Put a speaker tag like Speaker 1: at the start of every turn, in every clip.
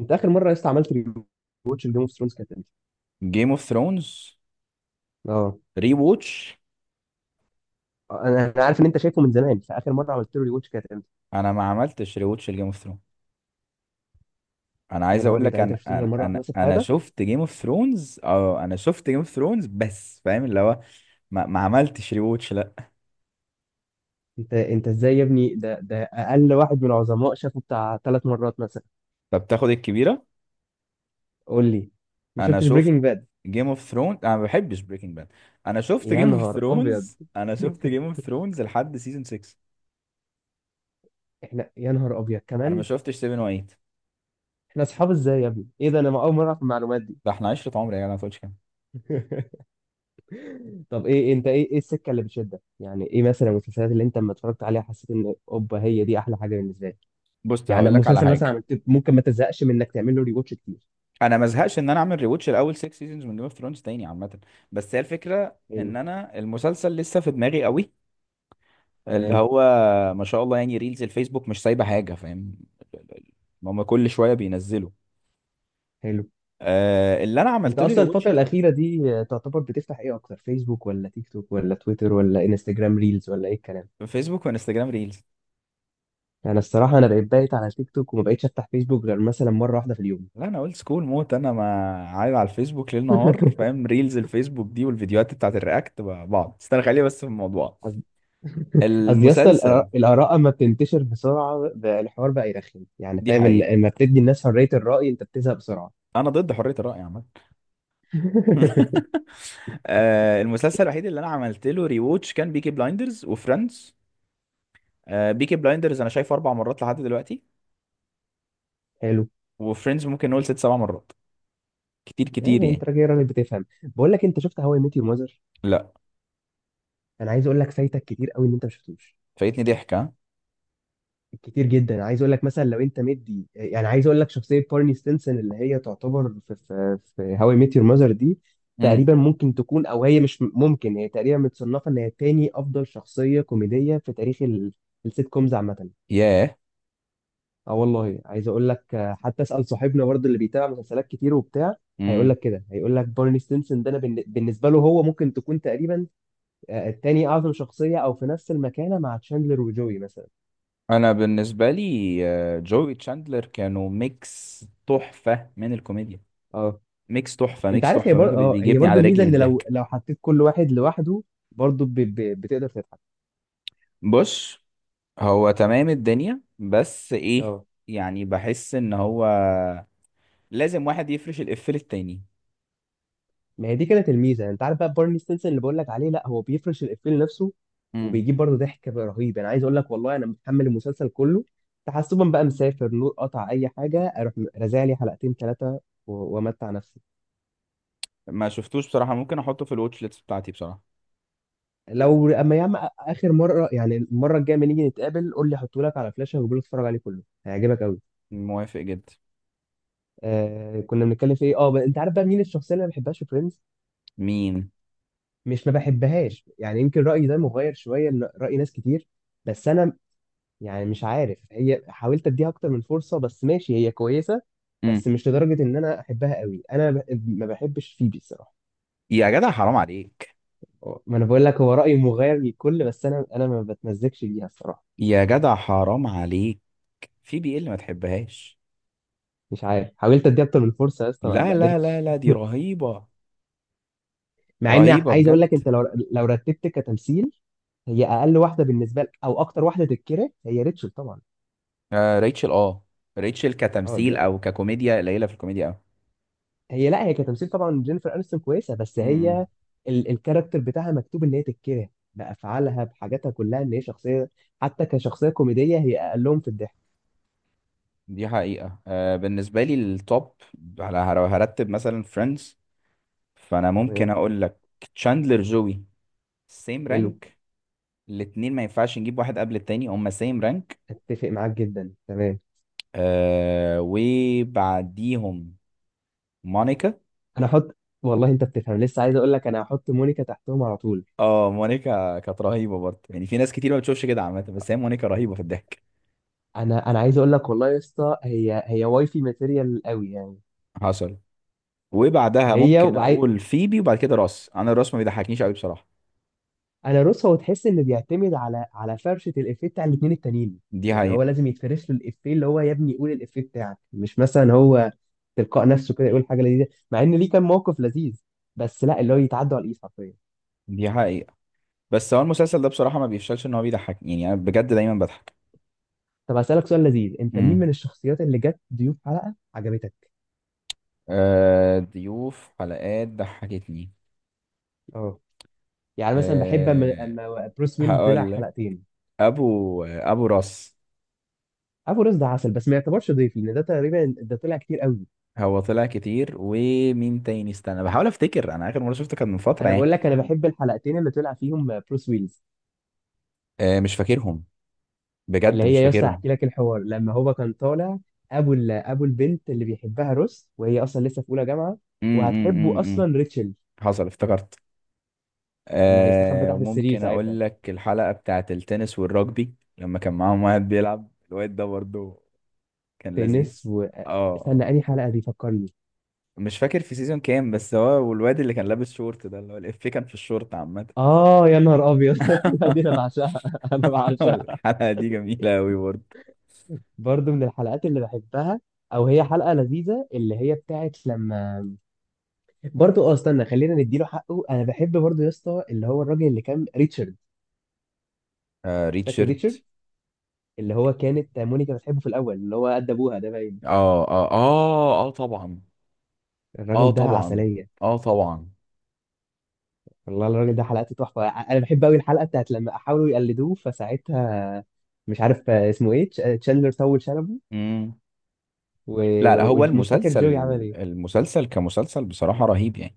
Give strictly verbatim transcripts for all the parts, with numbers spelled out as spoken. Speaker 1: انت اخر مره يا اسطى عملت ريواتش لجيم اوف ثرونز كانت امتى؟
Speaker 2: جيم اوف ثرونز
Speaker 1: اه،
Speaker 2: ري ووتش.
Speaker 1: انا انا عارف ان انت شايفه من زمان، فاخر مره عملت له ريواتش كانت امتى؟
Speaker 2: انا ما عملتش ري ووتش لجيم اوف ثرونز. انا
Speaker 1: يا
Speaker 2: عايز
Speaker 1: نهار
Speaker 2: اقول
Speaker 1: ابيض،
Speaker 2: لك،
Speaker 1: يعني انت ما
Speaker 2: انا
Speaker 1: شفتوش غير
Speaker 2: انا
Speaker 1: مره واحده
Speaker 2: انا
Speaker 1: بس في
Speaker 2: انا
Speaker 1: حياتك؟
Speaker 2: شفت جيم اوف ثرونز. اه انا شفت جيم اوف ثرونز بس فاهم اللي هو. ما, ما عملتش ري ووتش، لا.
Speaker 1: انت انت ازاي يا ابني؟ ده ده اقل واحد من العظماء شافه بتاع ثلاث مرات مثلا.
Speaker 2: طب تاخد الكبيره.
Speaker 1: قول لي، ما
Speaker 2: انا
Speaker 1: شفتش
Speaker 2: شفت
Speaker 1: بريكنج باد.
Speaker 2: جيم اوف ثرونز، انا ما بحبش بريكنج باد. انا شفت
Speaker 1: يا
Speaker 2: جيم اوف
Speaker 1: نهار ابيض.
Speaker 2: ثرونز، انا شفت جيم اوف ثرونز لحد سيزون ستة.
Speaker 1: احنا يا نهار ابيض
Speaker 2: انا ما
Speaker 1: كمان.
Speaker 2: شفتش سبعة وثمانية.
Speaker 1: احنا اصحاب ازاي يا ابني؟ ايه ده، انا اول مره اعرف المعلومات دي.
Speaker 2: ده احنا عشرة عمر يا جدع، ما تقولش كده.
Speaker 1: طب ايه انت، ايه ايه السكه اللي بتشدك؟ يعني ايه مثلا المسلسلات اللي انت لما اتفرجت عليها حسيت ان اوبا هي دي احلى حاجه بالنسبه لي؟
Speaker 2: بص
Speaker 1: يعني
Speaker 2: هقول لك على
Speaker 1: مسلسل مثلا
Speaker 2: حاجه.
Speaker 1: عملت ممكن ما تزهقش من انك تعمل له ريواتش كتير.
Speaker 2: انا ما ازهقش ان انا اعمل ريوتش الاول ستة سيزونز من جيم اوف ثرونز تاني عامه. بس هي الفكره
Speaker 1: حلو.
Speaker 2: ان انا المسلسل لسه في دماغي قوي. اللي
Speaker 1: تمام.
Speaker 2: هو ما شاء الله يعني ريلز الفيسبوك مش سايبه حاجه، فاهم. هم كل شويه بينزلوا.
Speaker 1: حلو.
Speaker 2: آه، اللي انا
Speaker 1: انت
Speaker 2: عملت له
Speaker 1: اصلا
Speaker 2: ريوتش
Speaker 1: الفتره الاخيره دي، آه، تعتبر بتفتح ايه اكتر، فيسبوك ولا تيك توك ولا تويتر ولا انستجرام ريلز ولا ايه الكلام؟
Speaker 2: في فيسبوك وانستجرام ريلز.
Speaker 1: انا الصراحه انا بقيت بايت على تيك توك، وما بقيتش افتح فيسبوك غير مثلا مره واحده في اليوم.
Speaker 2: لا، انا اولد سكول موت. انا ما عايز على الفيسبوك ليل نهار، فاهم؟ ريلز الفيسبوك دي والفيديوهات بتاعت الرياكت مع بعض. استنى خليني بس في الموضوع،
Speaker 1: قصدي، قصدي يا اسطى،
Speaker 2: المسلسل.
Speaker 1: الآراء الآراء اما بتنتشر بسرعه بقى الحوار بقى يرخم. يعني
Speaker 2: دي
Speaker 1: فاهم، ان
Speaker 2: حقيقه.
Speaker 1: اما بتدي الناس حريه الراي انت بتزهق بسرعه.
Speaker 2: انا ضد حريه الراي عامه. آه، المسلسل الوحيد اللي انا عملت له ريووتش كان بيكي بلايندرز وفريندز. آه، بيكي بلايندرز انا شايفه اربع مرات لحد دلوقتي.
Speaker 1: حلو.
Speaker 2: وفريندز ممكن نقول ست سبع مرات. كتير كتير
Speaker 1: يعني انت
Speaker 2: يعني.
Speaker 1: راجل راجل بتفهم، بقول لك انت شفت هواي ميت يور؟
Speaker 2: لا،
Speaker 1: انا عايز اقول لك، فايتك كتير قوي ان انت ما شفتوش.
Speaker 2: فايتني ضحكه.
Speaker 1: كتير جدا. انا عايز اقول لك، مثلا لو انت مدي، يعني عايز اقول لك، شخصيه بارني ستينسون اللي هي تعتبر في في في هاو اي ميت يور ماذر دي،
Speaker 2: امم.
Speaker 1: تقريبا ممكن تكون، او هي مش م- ممكن هي تقريبا متصنفه ان هي تاني افضل شخصيه كوميديه في تاريخ ال- السيت كومز عامه.
Speaker 2: ياه.
Speaker 1: اه والله عايز اقول لك، آه، حتى اسال صاحبنا برضه اللي بيتابع مسلسلات كتير وبتاع، هيقول
Speaker 2: امم.
Speaker 1: لك كده، هيقول لك بارني ستينسون ده، انا بالن- بالنسبه له هو ممكن تكون تقريبا آه، التاني اعظم شخصيه، او في نفس المكانه مع تشاندلر وجوي مثلا.
Speaker 2: انا بالنسبه لي، آه، جوي تشاندلر كانوا ميكس تحفه من الكوميديا.
Speaker 1: آه.
Speaker 2: ميكس تحفه،
Speaker 1: انت
Speaker 2: ميكس
Speaker 1: عارف هي
Speaker 2: تحفه، ممكن
Speaker 1: بر...
Speaker 2: بي-
Speaker 1: اه هي
Speaker 2: بيجيبني
Speaker 1: برضو
Speaker 2: على
Speaker 1: الميزه،
Speaker 2: رجلي من
Speaker 1: ان لو،
Speaker 2: الضحك.
Speaker 1: لو حطيت كل واحد لوحده برضو ب... ب... بتقدر تضحك.
Speaker 2: بص، هو تمام الدنيا، بس ايه،
Speaker 1: اه،
Speaker 2: يعني بحس ان هو لازم واحد يفرش الإف للتاني.
Speaker 1: ما هي دي كانت الميزه. انت عارف بقى بارني ستينسون اللي بقول لك عليه، لا، هو بيفرش الافيه لنفسه،
Speaker 2: امم.
Speaker 1: وبيجيب برضو ضحك رهيب. انا عايز اقول لك والله، انا متحمل المسلسل كله، تحسبا بقى مسافر نور قطع اي حاجه اروح رازع لي حلقتين ثلاثه، و... وامتع نفسي.
Speaker 2: ما شفتوش بصراحة. ممكن أحطه في الواتش ليست بتاعتي بصراحة.
Speaker 1: لو اما يا عم اخر مره، يعني المره الجايه لما نيجي نتقابل قول لي، احطه لك على فلاشه، وقول لي اتفرج عليه كله، هيعجبك قوي.
Speaker 2: موافق جدا.
Speaker 1: آه، كنا بنتكلم في ايه؟ اه ب- انت عارف بقى مين الشخصيه اللي ما بحبهاش في فريندز؟
Speaker 2: مين؟
Speaker 1: مش ما بحبهاش يعني، يمكن رأيي ده مغاير شوية لرأي ناس كتير، بس أنا، يعني مش عارف، هي حاولت أديها أكتر من فرصة، بس ماشي، هي كويسة،
Speaker 2: امم.
Speaker 1: بس مش لدرجة إن أنا أحبها قوي. أنا ب- ما بحبش فيبي الصراحة.
Speaker 2: يا جدع حرام عليك.
Speaker 1: أه، ما أنا بقول لك هو رأيي مغاير للكل، بس أنا أنا ما بتمزجش بيها الصراحة.
Speaker 2: يا جدع حرام عليك، في بي ال ما تحبهاش؟
Speaker 1: مش عارف، حاولت أديها أكتر من فرصة يا اسطى، ما
Speaker 2: لا
Speaker 1: ما
Speaker 2: لا لا
Speaker 1: قدرتش.
Speaker 2: لا، دي رهيبة.
Speaker 1: مع إن
Speaker 2: رهيبة
Speaker 1: عايز أقول
Speaker 2: بجد.
Speaker 1: لك، أنت لو، لو رتبت كتمثيل، هي أقل واحدة بالنسبة لك، أو أكتر واحدة تتكره هي ريتشل طبعا.
Speaker 2: آه ريتشل، اه. ريتشل
Speaker 1: أه
Speaker 2: كتمثيل
Speaker 1: دي،
Speaker 2: أو ككوميديا قليلة في الكوميديا أوي.
Speaker 1: هي، لا هي كتمثيل طبعا، جينيفر انستون كويسه، بس
Speaker 2: امم.
Speaker 1: هي ال الكاركتر بتاعها مكتوب ان هي تتكره، بافعالها، بحاجاتها كلها، ان هي شخصيه. حتى كشخصيه كوميديه هي اقلهم في الضحك.
Speaker 2: دي حقيقة. آه، بالنسبة لي التوب، على لو هرتب مثلا فريندز، فأنا ممكن
Speaker 1: تمام.
Speaker 2: أقول لك تشاندلر، جوي، سيم
Speaker 1: حلو.
Speaker 2: رانك. الاتنين ما ينفعش نجيب واحد قبل التاني، هما سيم رانك.
Speaker 1: اتفق معاك جدا، تمام.
Speaker 2: آه، وبعديهم مونيكا.
Speaker 1: انا احط، والله انت بتفهم لسه، عايز اقول لك، انا هحط مونيكا تحتهم على طول.
Speaker 2: اه، مونيكا كانت رهيبة برضه. يعني في ناس كتير ما بتشوفش كده عامة، بس هي مونيكا رهيبة في الضحك.
Speaker 1: انا انا عايز اقول لك والله يا اسطى، هي هي واي في ماتيريال قوي يعني.
Speaker 2: حصل. وبعدها
Speaker 1: هي
Speaker 2: ممكن اقول فيبي، وبعد كده راس. انا الراس ما بيضحكنيش قوي بصراحة.
Speaker 1: انا روس، هو تحس انه بيعتمد على، على فرشه الافيه بتاع الاثنين التانيين.
Speaker 2: دي
Speaker 1: يعني هو
Speaker 2: حقيقة.
Speaker 1: لازم يتفرش له الافيه، اللي هو يا ابني قول الافيه بتاعك، مش مثلا هو تلقاء نفسه كده يقول حاجه لذيذه. مع ان ليه كان موقف لذيذ، بس لا، اللي هو يتعدى على الايد حرفيا.
Speaker 2: دي حقيقة. بس هو المسلسل ده بصراحة ما بيفشلش ان هو بيضحك، يعني انا بجد دايما بضحك.
Speaker 1: طب هسالك سؤال لذيذ، انت مين من
Speaker 2: امم.
Speaker 1: الشخصيات اللي جت ضيوف حلقه عجبتك؟
Speaker 2: آه، ضيوف حلقات ضحكتني.
Speaker 1: اه، يعني مثلا بحب اما
Speaker 2: آه،
Speaker 1: اما بروس ويلز طلع
Speaker 2: هقول لك،
Speaker 1: حلقتين.
Speaker 2: ابو آه، ابو راس.
Speaker 1: ابو رز ده عسل، بس ما يعتبرش ضيف، لان ده تقريبا ده طلع كتير قوي.
Speaker 2: هو طلع كتير. ومين تاني؟ استنى بحاول افتكر، انا اخر مره شفته كان من فتره
Speaker 1: انا
Speaker 2: يعني.
Speaker 1: بقول لك، انا بحب الحلقتين اللي طلع فيهم بروس ويلز،
Speaker 2: آه، مش فاكرهم.
Speaker 1: اللي
Speaker 2: بجد
Speaker 1: هي
Speaker 2: مش
Speaker 1: يا اسطى
Speaker 2: فاكرهم.
Speaker 1: هحكي لك الحوار لما هو كان طالع. ابو ال- ابو البنت اللي بيحبها روس، وهي اصلا لسه في اولى جامعه، وهتحبه
Speaker 2: امم.
Speaker 1: اصلا ريتشل،
Speaker 2: حصل افتكرت.
Speaker 1: لما هيستخبى
Speaker 2: آه،
Speaker 1: تحت السرير
Speaker 2: ممكن
Speaker 1: ساعتها.
Speaker 2: اقول لك الحلقه بتاعت التنس والرجبي لما كان معاهم واحد بيلعب، الواد ده برضه. كان
Speaker 1: تنس
Speaker 2: لذيذ.
Speaker 1: و
Speaker 2: اه آه.
Speaker 1: استنى انهي حلقه دي، فكرني.
Speaker 2: مش فاكر في سيزون كام، بس هو والواد اللي كان لابس شورت ده، اللي هو الإفيه كان في الشورت عامة.
Speaker 1: اه يا نهار ابيض، الحلقه دي انا بعشقها. انا بعشقها.
Speaker 2: الحلقة دي جميلة أوي برضه.
Speaker 1: برضو من الحلقات اللي بحبها، او هي حلقه لذيذه اللي هي بتاعت لما، برضو اه استنى خلينا نديله حقه. انا بحب برضو يا اسطى اللي هو الراجل اللي كان ريتشارد.
Speaker 2: آه
Speaker 1: فاكر
Speaker 2: ريتشارد.
Speaker 1: ريتشارد؟ اللي هو كانت مونيكا بتحبه في الاول، اللي هو قد ابوها ده باين.
Speaker 2: اه اه اه اه طبعا. اه
Speaker 1: الراجل ده
Speaker 2: طبعا.
Speaker 1: عسليه.
Speaker 2: اه طبعا.
Speaker 1: والله الراجل ده حلقته تحفه، ع- انا بحب قوي الحلقه بتاعت لما حاولوا يقلدوه، فساعتها مش عارف اسمه ايه، تش- تشاندلر طول شنبه،
Speaker 2: مم.
Speaker 1: و-
Speaker 2: لا لا، هو
Speaker 1: ومش فاكر
Speaker 2: المسلسل،
Speaker 1: جوي عمل ايه.
Speaker 2: المسلسل كمسلسل بصراحة رهيب يعني.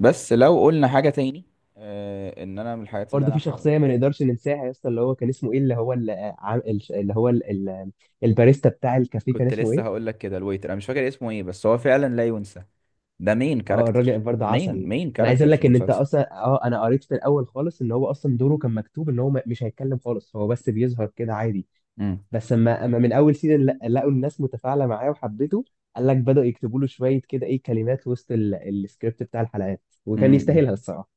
Speaker 2: بس لو قلنا حاجة تاني، آه، ان انا من الحاجات اللي
Speaker 1: برضه
Speaker 2: انا
Speaker 1: في
Speaker 2: ح...
Speaker 1: شخصيه ما نقدرش ننساها يا اسطى، اللي هو كان اسمه ايه، اللي هو اللي, اللي هو ال- ال- الباريستا بتاع الكافيه كان
Speaker 2: كنت
Speaker 1: اسمه
Speaker 2: لسه
Speaker 1: ايه؟
Speaker 2: هقول لك كده، الويتر. انا مش فاكر اسمه ايه، بس هو فعلا لا ينسى. ده مين
Speaker 1: اه،
Speaker 2: كاركتر؟
Speaker 1: الراجل برضه
Speaker 2: مين
Speaker 1: عسل.
Speaker 2: مين
Speaker 1: انا عايز
Speaker 2: كاركتر
Speaker 1: اقول
Speaker 2: في
Speaker 1: لك ان انت
Speaker 2: المسلسل؟
Speaker 1: اصلا، اه انا قريت في الاول خالص، ان هو اصلا دوره كان مكتوب ان هو م- مش هيتكلم خالص، هو بس بيظهر كده عادي.
Speaker 2: مم.
Speaker 1: بس اما اما من اول سيزون لا- لقوا الناس متفاعله معاه وحبته، قال لك بدأوا يكتبوا له شويه كده ايه كلمات وسط ال- السكريبت بتاع الحلقات، وكان
Speaker 2: مم.
Speaker 1: يستاهلها الصراحه.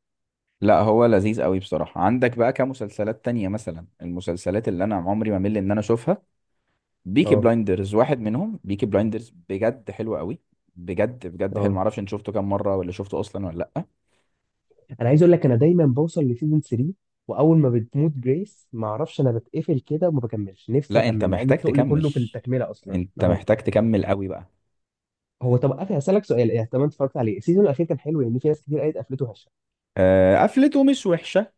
Speaker 2: لا، هو لذيذ قوي بصراحة. عندك بقى كمسلسلات تانية مثلا، المسلسلات اللي انا عمري ما مل ان انا اشوفها، بيكي
Speaker 1: اه
Speaker 2: بلايندرز واحد منهم. بيكي بلايندرز بجد حلو قوي. بجد بجد حلو.
Speaker 1: اه
Speaker 2: معرفش انت شفته كام مره، ولا شفته اصلا ولا لا.
Speaker 1: انا عايز اقول لك، انا دايما بوصل لسيزون ثلاثة، واول ما بتموت جريس ما اعرفش، انا بتقفل كده وما بكملش، نفسي
Speaker 2: لا انت
Speaker 1: اكمل مع ان
Speaker 2: محتاج
Speaker 1: التقل
Speaker 2: تكمل.
Speaker 1: كله في التكمله اصلا.
Speaker 2: انت
Speaker 1: اه،
Speaker 2: محتاج تكمل قوي بقى.
Speaker 1: هو طب قفل، هسألك سؤال إيه، طب أنت اتفرجت عليه، السيزون الأخير كان حلو؟ لأن في ناس كتير قالت قفلته هشة،
Speaker 2: آه، قفلته مش وحشه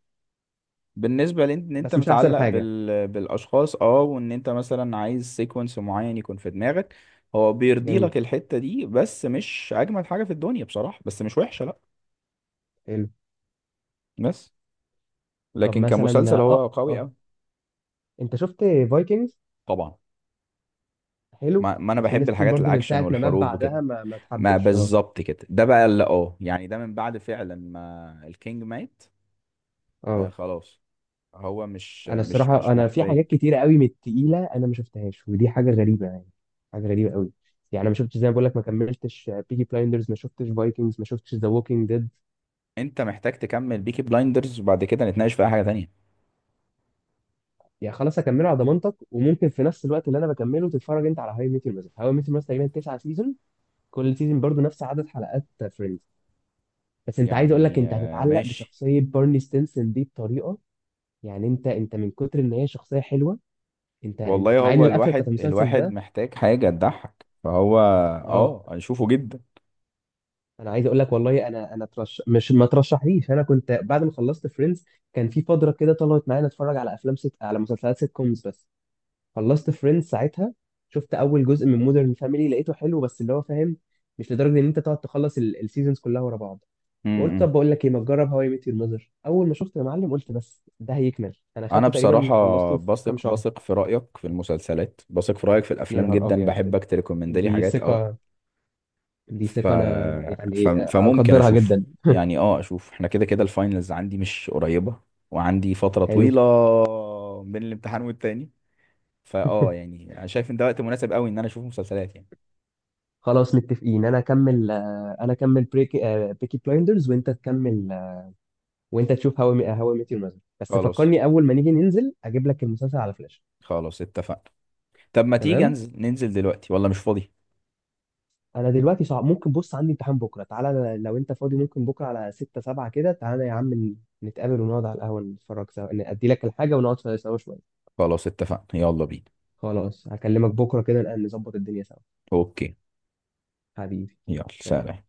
Speaker 2: بالنسبه لان انت
Speaker 1: بس مش أحسن
Speaker 2: متعلق
Speaker 1: حاجة.
Speaker 2: بال... بالاشخاص، اه، وان انت مثلا عايز سيكونس معين يكون في دماغك. هو بيرضي لك
Speaker 1: جميل.
Speaker 2: الحته دي بس مش اجمل حاجه في الدنيا بصراحه، بس مش وحشه لا.
Speaker 1: حلو.
Speaker 2: بس
Speaker 1: طب
Speaker 2: لكن كمسلسل
Speaker 1: مثلا،
Speaker 2: هو
Speaker 1: آه
Speaker 2: قوي
Speaker 1: آه
Speaker 2: قوي.
Speaker 1: أنت شفت فايكنجز؟
Speaker 2: طبعا.
Speaker 1: حلو.
Speaker 2: ما, ما انا
Speaker 1: بس في
Speaker 2: بحب
Speaker 1: ناس كتير
Speaker 2: الحاجات
Speaker 1: برضو، من
Speaker 2: الاكشن
Speaker 1: ساعه ما مات
Speaker 2: والحروب وكده.
Speaker 1: بعدها ما ما
Speaker 2: ما
Speaker 1: تحبش. اه،
Speaker 2: بالظبط كده، ده بقى اللي اه يعني، ده من بعد فعلا ما الكينج مات. آه
Speaker 1: اه،
Speaker 2: خلاص، هو مش
Speaker 1: انا
Speaker 2: مش
Speaker 1: الصراحه،
Speaker 2: مش
Speaker 1: انا في
Speaker 2: محتاج.
Speaker 1: حاجات كتيره قوي من التقيله انا ما شفتهاش، ودي حاجه غريبه يعني، حاجه غريبه قوي. يعني انا ما شفتش، زي ما بقول لك، ما كملتش بيكي بلايندرز، ما شفتش فايكنجز، ما شفتش ذا ووكينج ديد.
Speaker 2: انت محتاج تكمل بيكي بلايندرز وبعد كده نتناقش في اي حاجة تانية.
Speaker 1: يعني خلاص اكمله على ضمانتك، وممكن في نفس الوقت اللي انا بكمله تتفرج انت على هاي ميتر، مثلا هاي ميتر مثلا تقريبا تسعة سيزون، كل سيزون برضو نفس عدد حلقات فريندز. بس انت، عايز اقول لك،
Speaker 2: يعني
Speaker 1: انت
Speaker 2: آه
Speaker 1: هتتعلق
Speaker 2: ماشي.
Speaker 1: بشخصيه بارني ستينسون دي بطريقه، يعني انت انت من كتر ان هي شخصيه حلوه. انت انت
Speaker 2: والله
Speaker 1: مع ان
Speaker 2: هو
Speaker 1: القفله بتاعت
Speaker 2: الواحد،
Speaker 1: المسلسل
Speaker 2: الواحد
Speaker 1: ده.
Speaker 2: محتاج حاجة تضحك، فهو
Speaker 1: اه،
Speaker 2: اه اشوفه جدا.
Speaker 1: انا عايز اقول لك والله، انا انا ترش مش ما ترشحليش. انا كنت بعد ما خلصت فريندز، كان في فتره كده طلعت معايا اتفرج على افلام ست... على مسلسلات سيت كومز بس. خلصت فريندز ساعتها، شفت اول جزء من مودرن فاميلي لقيته حلو، بس اللي هو فاهم، مش لدرجه ان انت تقعد تخلص ال- السيزونز كلها ورا بعض. وقلت طب
Speaker 2: امم.
Speaker 1: بقول لك ايه، ما تجرب هواي ميت يور ماذر. اول ما شفت يا معلم قلت، بس ده هيكمل انا
Speaker 2: انا
Speaker 1: خدته تقريبا،
Speaker 2: بصراحة
Speaker 1: خلصته في كام
Speaker 2: بثق
Speaker 1: شهر.
Speaker 2: بثق في رأيك في المسلسلات، بثق في رأيك في
Speaker 1: يا
Speaker 2: الافلام
Speaker 1: نهار
Speaker 2: جدا،
Speaker 1: ابيض،
Speaker 2: بحبك تريكومند لي
Speaker 1: دي
Speaker 2: حاجات اه.
Speaker 1: ثقه. دي
Speaker 2: ف...
Speaker 1: ثقة أنا
Speaker 2: ف...
Speaker 1: يعني
Speaker 2: فممكن
Speaker 1: أقدرها
Speaker 2: اشوف
Speaker 1: جدا.
Speaker 2: يعني، اه اشوف. احنا كده كده الفاينلز عندي مش قريبة، وعندي فترة
Speaker 1: حلو.
Speaker 2: طويلة بين الامتحان والتاني، فاه يعني انا شايف ان ده وقت مناسب قوي ان انا اشوف مسلسلات يعني.
Speaker 1: خلاص متفقين، أنا أكمل، آه، أنا أكمل بريكي آه، بيكي بلايندرز، وأنت تكمل، آه، وأنت تشوف هاو هاو ميت يور ماذر. بس
Speaker 2: خلاص.
Speaker 1: فكرني أول ما نيجي ننزل أجيب لك المسلسل على فلاش.
Speaker 2: خلاص اتفقنا. طب ما تيجي
Speaker 1: تمام.
Speaker 2: انزل، ننزل دلوقتي ولا مش فاضي؟
Speaker 1: أنا دلوقتي صعب، ممكن، بص عندي امتحان بكرة، تعالى لو أنت فاضي، ممكن بكرة على ستة سبعة كده، تعالى يا عم ن- نتقابل ونقعد على القهوة، نتفرج سوا، إن أدي لك الحاجة ونقعد سوا شوية.
Speaker 2: خلاص اتفقنا، يلا بينا.
Speaker 1: خلاص هكلمك بكرة كده، نبقى نظبط الدنيا سوا.
Speaker 2: اوكي،
Speaker 1: حبيبي،
Speaker 2: يلا
Speaker 1: سلام.
Speaker 2: سلام.